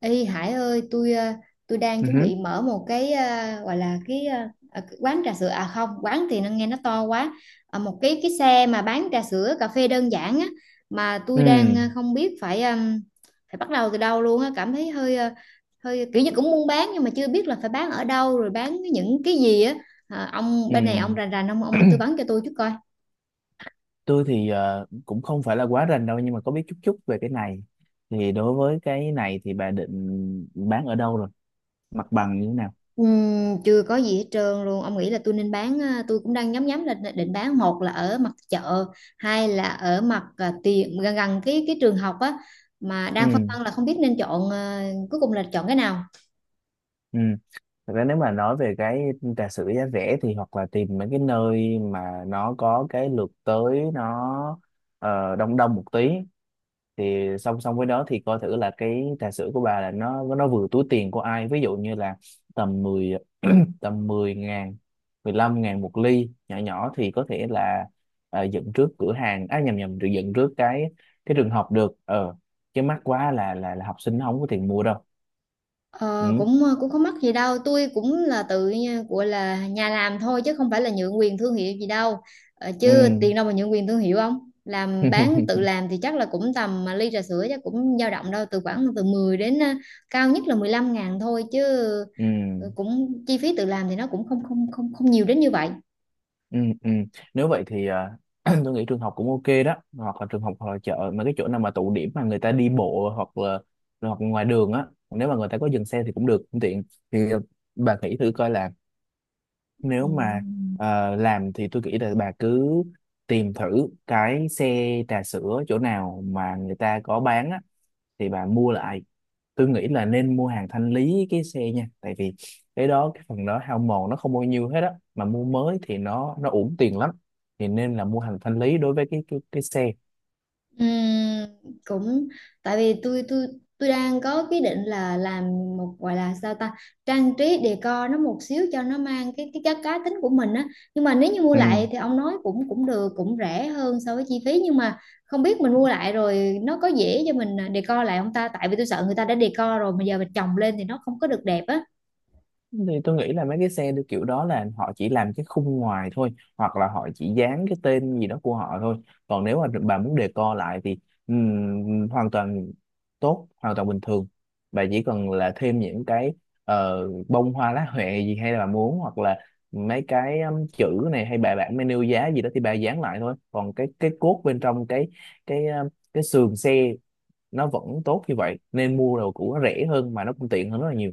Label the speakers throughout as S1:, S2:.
S1: Ê Hải ơi, tôi đang
S2: Ừ.
S1: chuẩn
S2: hứ,
S1: bị mở một cái gọi là cái quán trà sữa, à không, quán thì nó nghe nó to quá. Một cái xe mà bán trà sữa cà phê đơn giản á, mà tôi đang
S2: Ừ.
S1: không biết phải phải bắt đầu từ đâu luôn á, cảm thấy hơi kiểu như cũng muốn bán nhưng mà chưa biết là phải bán ở đâu rồi bán những cái gì á. À, ông
S2: Ừ.
S1: bên này ông rành rành ông tư vấn cho tôi chút coi.
S2: Tôi thì cũng không phải là quá rành đâu, nhưng mà có biết chút chút về cái này. Thì đối với cái này thì bà định bán ở đâu rồi? Mặt bằng như thế nào?
S1: Chưa có gì hết trơn luôn, ông nghĩ là tôi nên bán à, tôi cũng đang nhắm nhắm là định bán, một là ở mặt chợ, hai là ở mặt à, tiền gần gần cái trường học á, mà
S2: Ừ.
S1: đang phân vân là không biết nên chọn à, cuối cùng là chọn cái nào.
S2: Ừ. Thật ra nếu mà nói về cái trà sữa giá rẻ thì hoặc là tìm mấy cái nơi mà nó có cái lượt tới đông đông một tí, thì song song với đó thì coi thử là cái trà sữa của bà là nó vừa túi tiền của ai. Ví dụ như là tầm 10. Tầm 10 ngàn 15 ngàn một ly nhỏ nhỏ, thì có thể là à, dựng trước cửa hàng á, à, nhầm nhầm, được dựng trước cái trường học được, ờ, chứ mắc quá là học sinh nó không có tiền mua đâu.
S1: Ờ,
S2: Ừ.
S1: cũng ờ, cũng không mắc gì đâu, tôi cũng là gọi là nhà làm thôi, chứ không phải là nhượng quyền thương hiệu gì đâu.
S2: Ừ.
S1: Chứ tiền đâu mà nhượng quyền thương hiệu, không làm bán tự làm thì chắc là cũng tầm, mà ly trà sữa chắc cũng dao động đâu khoảng từ 10 đến cao nhất là 15.000 thôi chứ.
S2: Ừ.
S1: Cũng chi phí tự làm thì nó cũng không không không không nhiều đến như vậy.
S2: Ừ, ừ. Nếu vậy thì, à, tôi nghĩ trường học cũng ok đó, hoặc là trường học hoặc là chợ, mà cái chỗ nào mà tụ điểm mà người ta đi bộ, hoặc là hoặc ngoài đường á, nếu mà người ta có dừng xe thì cũng được, cũng tiện. Thì bà nghĩ thử coi là
S1: Ừ.
S2: nếu mà làm thì tôi nghĩ là bà cứ tìm thử cái xe trà sữa chỗ nào mà người ta có bán á, thì bà mua lại. Tôi nghĩ là nên mua hàng thanh lý cái xe nha, tại vì cái đó cái phần đó hao mòn nó không bao nhiêu hết á, mà mua mới thì nó uổng tiền lắm. Thì nên là mua hàng thanh lý đối với cái xe.
S1: Ừm, Cũng tại vì tôi đang có cái định là làm một, gọi là sao ta, trang trí decor nó một xíu cho nó mang cái cá cá tính của mình á, nhưng mà nếu như mua
S2: Ừ.
S1: lại thì ông nói cũng cũng được, cũng rẻ hơn so với chi phí, nhưng mà không biết mình mua lại rồi nó có dễ cho mình à, decor lại không ta, tại vì tôi sợ người ta đã decor rồi mà giờ mình chồng lên thì nó không có được đẹp á.
S2: Thì tôi nghĩ là mấy cái xe được kiểu đó là họ chỉ làm cái khung ngoài thôi, hoặc là họ chỉ dán cái tên gì đó của họ thôi. Còn nếu mà bà muốn decor lại thì hoàn toàn tốt, hoàn toàn bình thường. Bà chỉ cần là thêm những cái bông hoa lá huệ gì, hay là bà muốn, hoặc là mấy cái chữ này hay bài bản menu giá gì đó thì bà dán lại thôi, còn cái cốt bên trong cái um, cái sườn xe nó vẫn tốt như vậy. Nên mua đồ cũ nó rẻ hơn mà nó cũng tiện hơn rất là nhiều.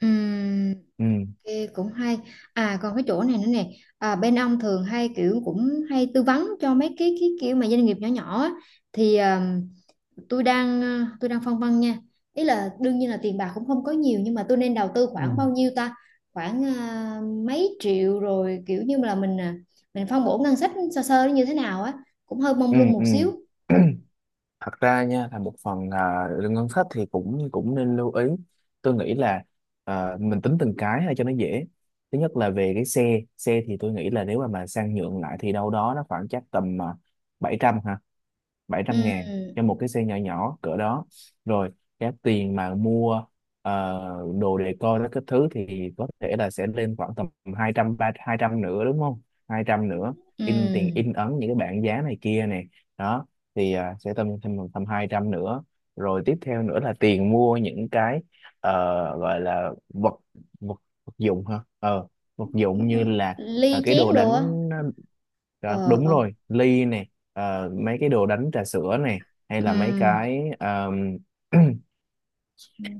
S1: Ừm,
S2: Ừ.
S1: Ok, cũng hay. À còn cái chỗ này nữa nè, à, bên ông thường hay kiểu cũng hay tư vấn cho mấy cái kiểu mà doanh nghiệp nhỏ nhỏ á. Thì à, tôi đang phân vân nha, ý là đương nhiên là tiền bạc cũng không có nhiều, nhưng mà tôi nên đầu tư
S2: Ừ.
S1: khoảng bao nhiêu ta, khoảng mấy triệu, rồi kiểu như là mình phân bổ ngân sách sơ sơ nó như thế nào á, cũng hơi mông
S2: Ừ,
S1: lung một
S2: ừ.
S1: xíu.
S2: Thật ra nha, là một phần là lương ngân sách thì cũng cũng nên lưu ý. Tôi nghĩ là mình tính từng cái ha cho nó dễ. Thứ nhất là về cái xe xe thì tôi nghĩ là nếu mà sang nhượng lại thì đâu đó nó khoảng chắc tầm 700 ha, 700.000
S1: Ừ,
S2: cho một cái xe nhỏ nhỏ cỡ đó. Rồi cái tiền mà mua ờ, đồ decor đó các thứ thì có thể là sẽ lên khoảng tầm 230, 200 nữa, đúng không, 200 nữa.
S1: ừ.
S2: In tiền, in ấn những cái bảng giá này kia này, đó, thì à, sẽ tầm thêm tầm 200 nữa. Rồi tiếp theo nữa là tiền mua những cái ờ, gọi là vật vật vật dụng ha, vật dụng như là,
S1: Ly
S2: à, cái đồ
S1: chén đồ á.
S2: đánh. Đó,
S1: Ờ
S2: đúng
S1: ờ.
S2: rồi, ly này, mấy cái đồ đánh trà sữa này, hay là mấy
S1: Ừ.
S2: cái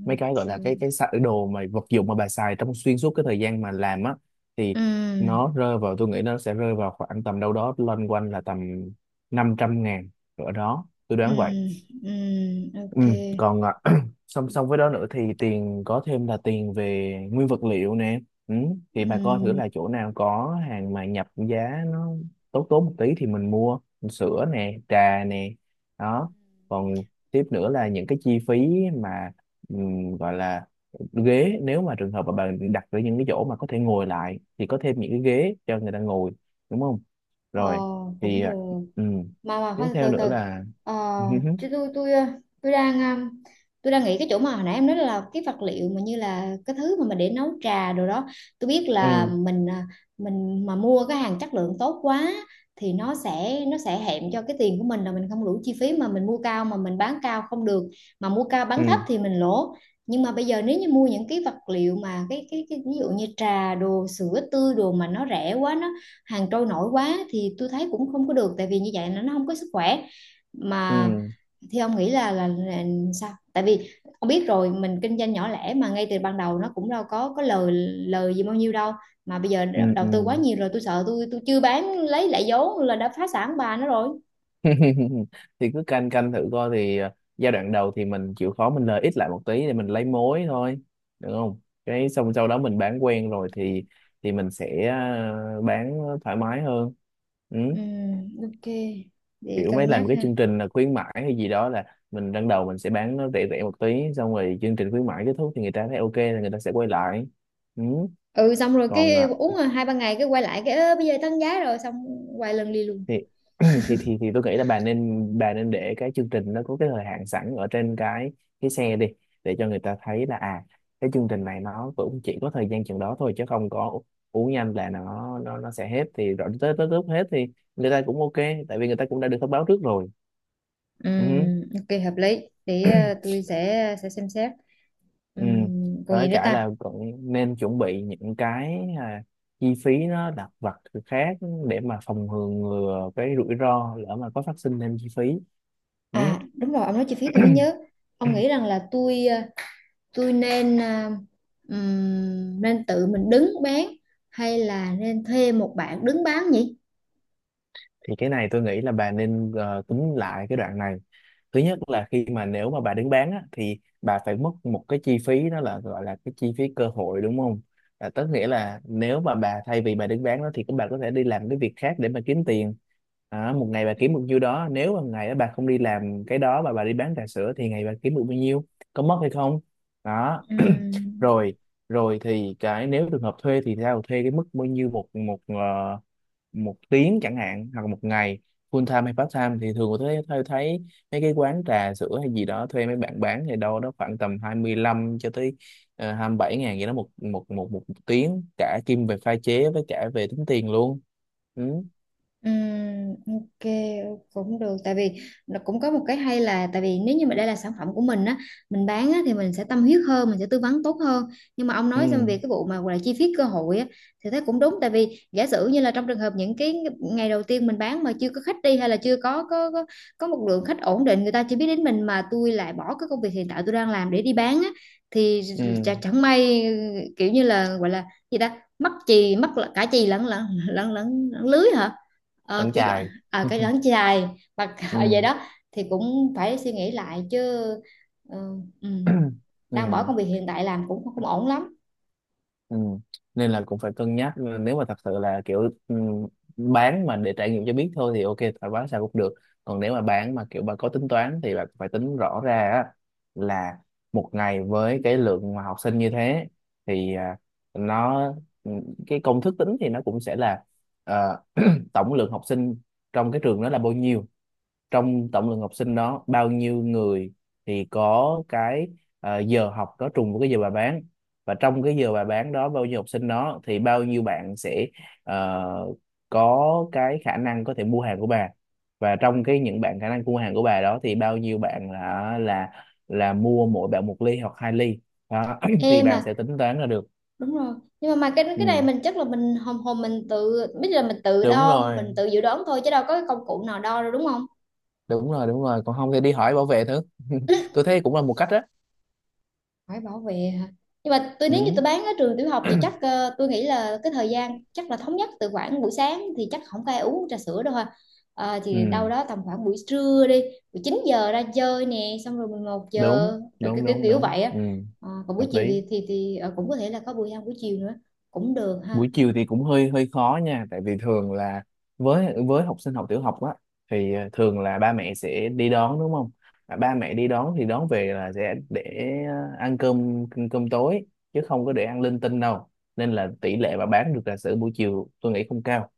S2: mấy cái gọi là đồ, mà vật dụng mà bà xài trong xuyên suốt cái thời gian mà làm á, thì
S1: Ừ.
S2: nó rơi vào, tôi nghĩ nó sẽ rơi vào khoảng tầm đâu đó loanh quanh là tầm 500.000 ở đó, tôi
S1: Ừ
S2: đoán vậy.
S1: ừ,
S2: Ừ,
S1: ok.
S2: còn à, song song với đó nữa thì tiền có thêm là tiền về nguyên vật liệu nè. Ừ. Thì bà coi thử
S1: Ừ.
S2: là chỗ nào có hàng mà nhập giá nó tốt tốt một tí thì mình mua, sữa nè, trà nè, đó. Còn tiếp nữa là những cái chi phí mà gọi là ghế, nếu mà trường hợp mà bà đặt ở những cái chỗ mà có thể ngồi lại thì có thêm những cái ghế cho người ta ngồi, đúng không.
S1: Ờ,
S2: Rồi thì,
S1: cũng
S2: à,
S1: được.
S2: ừm,
S1: Mà
S2: tiếp
S1: khoan,
S2: theo
S1: từ
S2: nữa
S1: từ.
S2: là
S1: ờ, Chứ tôi ờ, tôi đang nghĩ cái chỗ mà hồi nãy em nói, là cái vật liệu mà như là cái thứ mà mình để nấu trà đồ đó, tôi biết là
S2: ừ,
S1: mình mà mua cái hàng chất lượng tốt quá thì nó sẽ hẹn cho cái tiền của mình, là mình không đủ chi phí, mà mình mua cao mà mình bán cao không được, mà mua cao
S2: ừ.
S1: bán thấp thì mình lỗ. Nhưng mà bây giờ nếu như mua những cái vật liệu mà cái ví dụ như trà đồ sữa tươi đồ mà nó rẻ quá, nó hàng trôi nổi quá, thì tôi thấy cũng không có được, tại vì như vậy nó không có sức khỏe
S2: Ừ,
S1: mà. Thì ông nghĩ là, là sao, tại vì ông biết rồi, mình kinh doanh nhỏ lẻ mà, ngay từ ban đầu nó cũng đâu có lời lời gì bao nhiêu đâu, mà bây giờ
S2: ừ,
S1: đầu
S2: ừ.
S1: tư quá nhiều rồi, tôi sợ tôi chưa bán lấy lại vốn là đã phá sản bà nó rồi.
S2: Thì cứ canh canh thử coi thì giai đoạn đầu thì mình chịu khó mình lời ít lại một tí để mình lấy mối thôi, được không. Cái xong sau đó mình bán quen rồi thì mình sẽ bán thoải mái hơn. Ừ.
S1: Ok, để
S2: Kiểu mấy
S1: cân nhắc
S2: làm cái
S1: ha.
S2: chương trình là khuyến mãi hay gì đó là mình ban đầu mình sẽ bán nó rẻ rẻ một tí, xong rồi chương trình khuyến mãi kết thúc thì người ta thấy ok thì người ta sẽ quay lại. Ừ.
S1: Ừ, xong rồi
S2: Còn
S1: cái
S2: à,
S1: uống rồi hai ba ngày cái quay lại cái "Ơ, bây giờ tăng giá rồi", xong quay lần đi luôn.
S2: thì thì tôi nghĩ là bà nên để cái chương trình nó có cái thời hạn sẵn ở trên cái xe đi, để cho người ta thấy là à, cái chương trình này nó cũng chỉ có thời gian chừng đó thôi, chứ không có uống nhanh là nó sẽ hết. Thì rồi tới tới lúc hết thì người ta cũng ok, tại vì người ta cũng đã được thông báo trước rồi. Ừ.
S1: Ok, hợp lý. Để tôi sẽ xem xét.
S2: Ừ.
S1: Còn gì
S2: Với
S1: nữa
S2: cả
S1: ta.
S2: là cũng nên chuẩn bị những cái à, chi phí nó lặt vặt khác để mà phòng ngừa cái rủi ro, lỡ mà có phát sinh thêm chi phí. Ừ.
S1: À đúng rồi, ông nói chi phí tôi mới nhớ, ông nghĩ rằng là tôi nên tự mình đứng bán hay là nên thuê một bạn đứng bán nhỉ.
S2: Thì cái này tôi nghĩ là bà nên tính lại cái đoạn này. Thứ nhất là khi mà nếu mà bà đứng bán á, thì bà phải mất một cái chi phí, đó là gọi là cái chi phí cơ hội, đúng không. Là tức nghĩa là nếu mà bà thay vì bà đứng bán đó thì các bà có thể đi làm cái việc khác để mà kiếm tiền. À, một ngày bà kiếm được nhiêu đó, nếu mà ngày đó bà không đi làm cái đó mà bà đi bán trà sữa thì ngày bà kiếm được bao nhiêu, có mất hay không. Đó.
S1: Ừm,
S2: Rồi, rồi thì cái nếu trường hợp thuê thì sao, thuê cái mức bao nhiêu một một ờ, một tiếng chẳng hạn, hoặc là một ngày, full time hay part time. Thì thường tôi thấy, mấy cái quán trà sữa hay gì đó thuê mấy bạn bán thì đâu đó khoảng tầm 25 cho tới 27.000 vậy đó, một một một một tiếng, cả kim về pha chế với cả về tính tiền luôn. Ừ.
S1: Ok, cũng được, tại vì nó cũng có một cái hay là, tại vì nếu như mà đây là sản phẩm của mình á, mình bán á, thì mình sẽ tâm huyết hơn, mình sẽ tư vấn tốt hơn. Nhưng mà ông
S2: Ừ.
S1: nói xong về cái vụ mà gọi là chi phí cơ hội á, thì thấy cũng đúng, tại vì giả sử như là trong trường hợp những cái ngày đầu tiên mình bán mà chưa có khách đi, hay là chưa có một lượng khách ổn định, người ta chỉ biết đến mình, mà tôi lại bỏ cái công việc hiện tại tôi đang làm để đi bán á, thì
S2: Ừ.
S1: chẳng may, kiểu như là, gọi là gì ta, mắc chì mắc cả chì lẫn lẫn lẫn lẫn, lẫn lưới hả. Ờ,
S2: Vẫn
S1: cái
S2: chài.
S1: à, cái đấng chai mà vậy
S2: Ừ.
S1: đó. Thì cũng phải suy nghĩ lại chứ, ờ, ừ,
S2: Ừ.
S1: đang bỏ công việc hiện tại làm cũng không, không ổn lắm.
S2: Ừ. Nên là cũng phải cân nhắc. Ừ, nếu mà thật sự là kiểu ừ, bán mà để trải nghiệm cho biết thôi thì ok, phải bán sao cũng được. Còn nếu mà bán mà kiểu bà có tính toán thì bà phải tính rõ ra á, là một ngày với cái lượng mà học sinh như thế thì, à, nó, ừ, cái công thức tính thì nó cũng sẽ là ờ, tổng lượng học sinh trong cái trường đó là bao nhiêu, trong tổng lượng học sinh đó bao nhiêu người thì có cái giờ học đó trùng với cái giờ bà bán, và trong cái giờ bà bán đó bao nhiêu học sinh đó thì bao nhiêu bạn sẽ ờ, có cái khả năng có thể mua hàng của bà, và trong cái những bạn khả năng mua hàng của bà đó thì bao nhiêu bạn là mua mỗi bạn một ly hoặc hai ly. Đó. Thì
S1: Em
S2: bà
S1: mà,
S2: sẽ tính toán ra được.
S1: đúng rồi, nhưng mà cái này
S2: Ừ.
S1: mình chắc là mình hồn hồn mình tự biết, là mình tự
S2: Đúng
S1: đo
S2: rồi,
S1: mình tự dự đoán thôi, chứ đâu có cái công cụ nào đo đâu đúng không.
S2: đúng rồi, đúng rồi, còn không thì đi hỏi bảo vệ thử. Tôi thấy cũng là một cách đó.
S1: Phải bảo vệ hả, nhưng mà tôi
S2: Ừ.
S1: nếu như tôi bán ở trường tiểu học thì chắc tôi nghĩ là cái thời gian chắc là thống nhất, từ khoảng buổi sáng thì chắc không có ai uống trà sữa đâu ha. Ờ,
S2: Ừ.
S1: thì đâu đó tầm khoảng buổi trưa đi, buổi 9 giờ ra chơi nè, xong rồi 11
S2: đúng
S1: giờ rồi kiểu
S2: đúng
S1: kiểu,
S2: đúng
S1: kiểu
S2: đúng,
S1: vậy á.
S2: ừ,
S1: Ờ, còn buổi
S2: hợp
S1: chiều
S2: lý.
S1: thì cũng có thể là có buổi ăn buổi chiều nữa, cũng được ha.
S2: Buổi chiều thì cũng hơi hơi khó nha, tại vì thường là với học sinh học tiểu học á, thì thường là ba mẹ sẽ đi đón, đúng không. Mà ba mẹ đi đón thì đón về là sẽ để ăn cơm cơm tối, chứ không có để ăn linh tinh đâu. Nên là tỷ lệ mà bán được trà sữa buổi chiều tôi nghĩ không cao.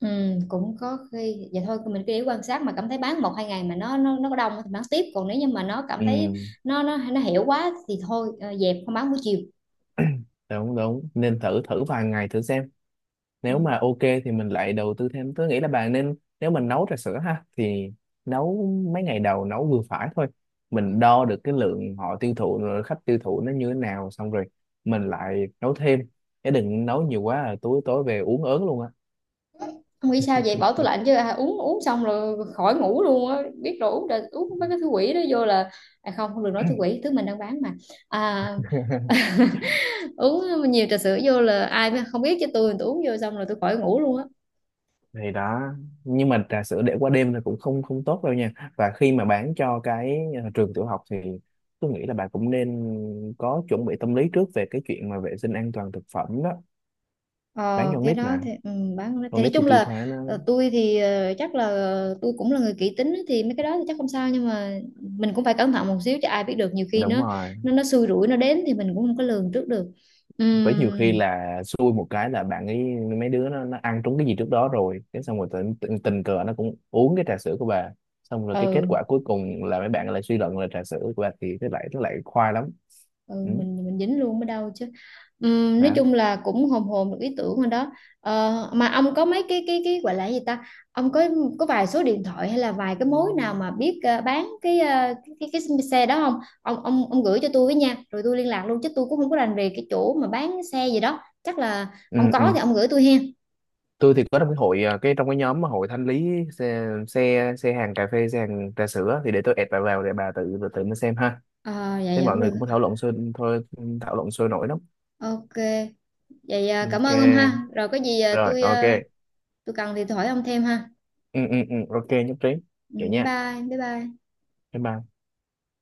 S1: Ừ, cũng có khi vậy thôi, mình cứ để quan sát, mà cảm thấy bán một hai ngày mà nó có đông thì bán tiếp, còn nếu như mà nó cảm thấy
S2: Ừ,
S1: nó hiểu quá thì thôi, dẹp không bán buổi chiều.
S2: đúng đúng nên thử thử vài ngày thử xem,
S1: Ừ.
S2: nếu mà ok thì mình lại đầu tư thêm. Tôi nghĩ là bạn nên, nếu mình nấu trà sữa ha, thì nấu mấy ngày đầu nấu vừa phải thôi. Mình đo được cái lượng họ tiêu thụ rồi, khách tiêu thụ nó như thế nào, xong rồi mình lại nấu thêm. Chứ đừng nấu nhiều quá là tối tối về uống ớn luôn á.
S1: Không nghĩ sao vậy, bỏ tủ lạnh chứ, à, uống uống xong rồi khỏi ngủ luôn á, biết rồi, uống rồi uống mấy cái thứ quỷ đó vô là, à, không, không được nói thứ quỷ thứ mình đang bán mà, à, uống nhiều trà sữa vô là ai mà không biết chứ, tôi uống vô xong rồi tôi khỏi ngủ luôn á.
S2: Thì đó. Nhưng mà trà sữa để qua đêm là cũng không không tốt đâu nha. Và khi mà bán cho cái trường tiểu học thì tôi nghĩ là bạn cũng nên có chuẩn bị tâm lý trước về cái chuyện mà vệ sinh an toàn thực phẩm đó. Bán
S1: Ờ,
S2: cho con
S1: cái
S2: nít
S1: đó thì
S2: mà,
S1: bán thì
S2: con
S1: nói
S2: nít thì
S1: chung
S2: tiêu
S1: là,
S2: thoái nó.
S1: chắc là tôi cũng là người kỹ tính á, thì mấy cái đó thì chắc không sao, nhưng mà mình cũng phải cẩn thận một xíu chứ, ai biết được, nhiều khi
S2: Đúng
S1: nó
S2: rồi.
S1: nó nó xui rủi nó đến thì mình cũng không có lường trước được.
S2: Với nhiều khi
S1: Ừm,
S2: là xui một cái là bạn ấy mấy đứa nó ăn trúng cái gì trước đó rồi, cái xong rồi tình cờ nó cũng uống cái trà sữa của bà, xong rồi cái kết
S1: ừ,
S2: quả cuối cùng là mấy bạn lại suy luận là trà sữa của bà thì cái lại nó lại khoai lắm.
S1: ừ,
S2: Ừ.
S1: mình mình dính luôn mới đâu chứ. Nói
S2: Đó.
S1: chung là cũng hồn hồn được ý tưởng rồi đó. Ờ, mà ông có mấy cái cái gọi là cái gì ta, ông có vài số điện thoại hay là vài cái mối nào mà biết bán cái, ờ, cái xe đó không, ông ông gửi cho tôi với nha, rồi tôi liên lạc luôn chứ tôi cũng không có rành về cái chỗ mà bán xe gì đó, chắc là ông
S2: Ừ, ừ.
S1: có thì ông gửi tôi hen.
S2: Tôi thì có trong cái hội, à, cái trong cái nhóm mà hội thanh lý xe, xe xe hàng cà phê, xe hàng trà sữa, thì để tôi add bà vào để bà tự tự nó xem ha.
S1: ờ dạ
S2: Thế
S1: dạ,
S2: mọi
S1: cũng được.
S2: người cũng thảo luận sôi thôi, thảo luận sôi nổi lắm.
S1: Ok, vậy cảm
S2: Ok.
S1: ơn ông ha, rồi có gì
S2: Rồi, ok.
S1: tôi cần thì tôi hỏi ông thêm ha.
S2: Ừ, ok, nhất trí.
S1: Ừ,
S2: Kiểu nha.
S1: bye bye bye.
S2: Bye bye.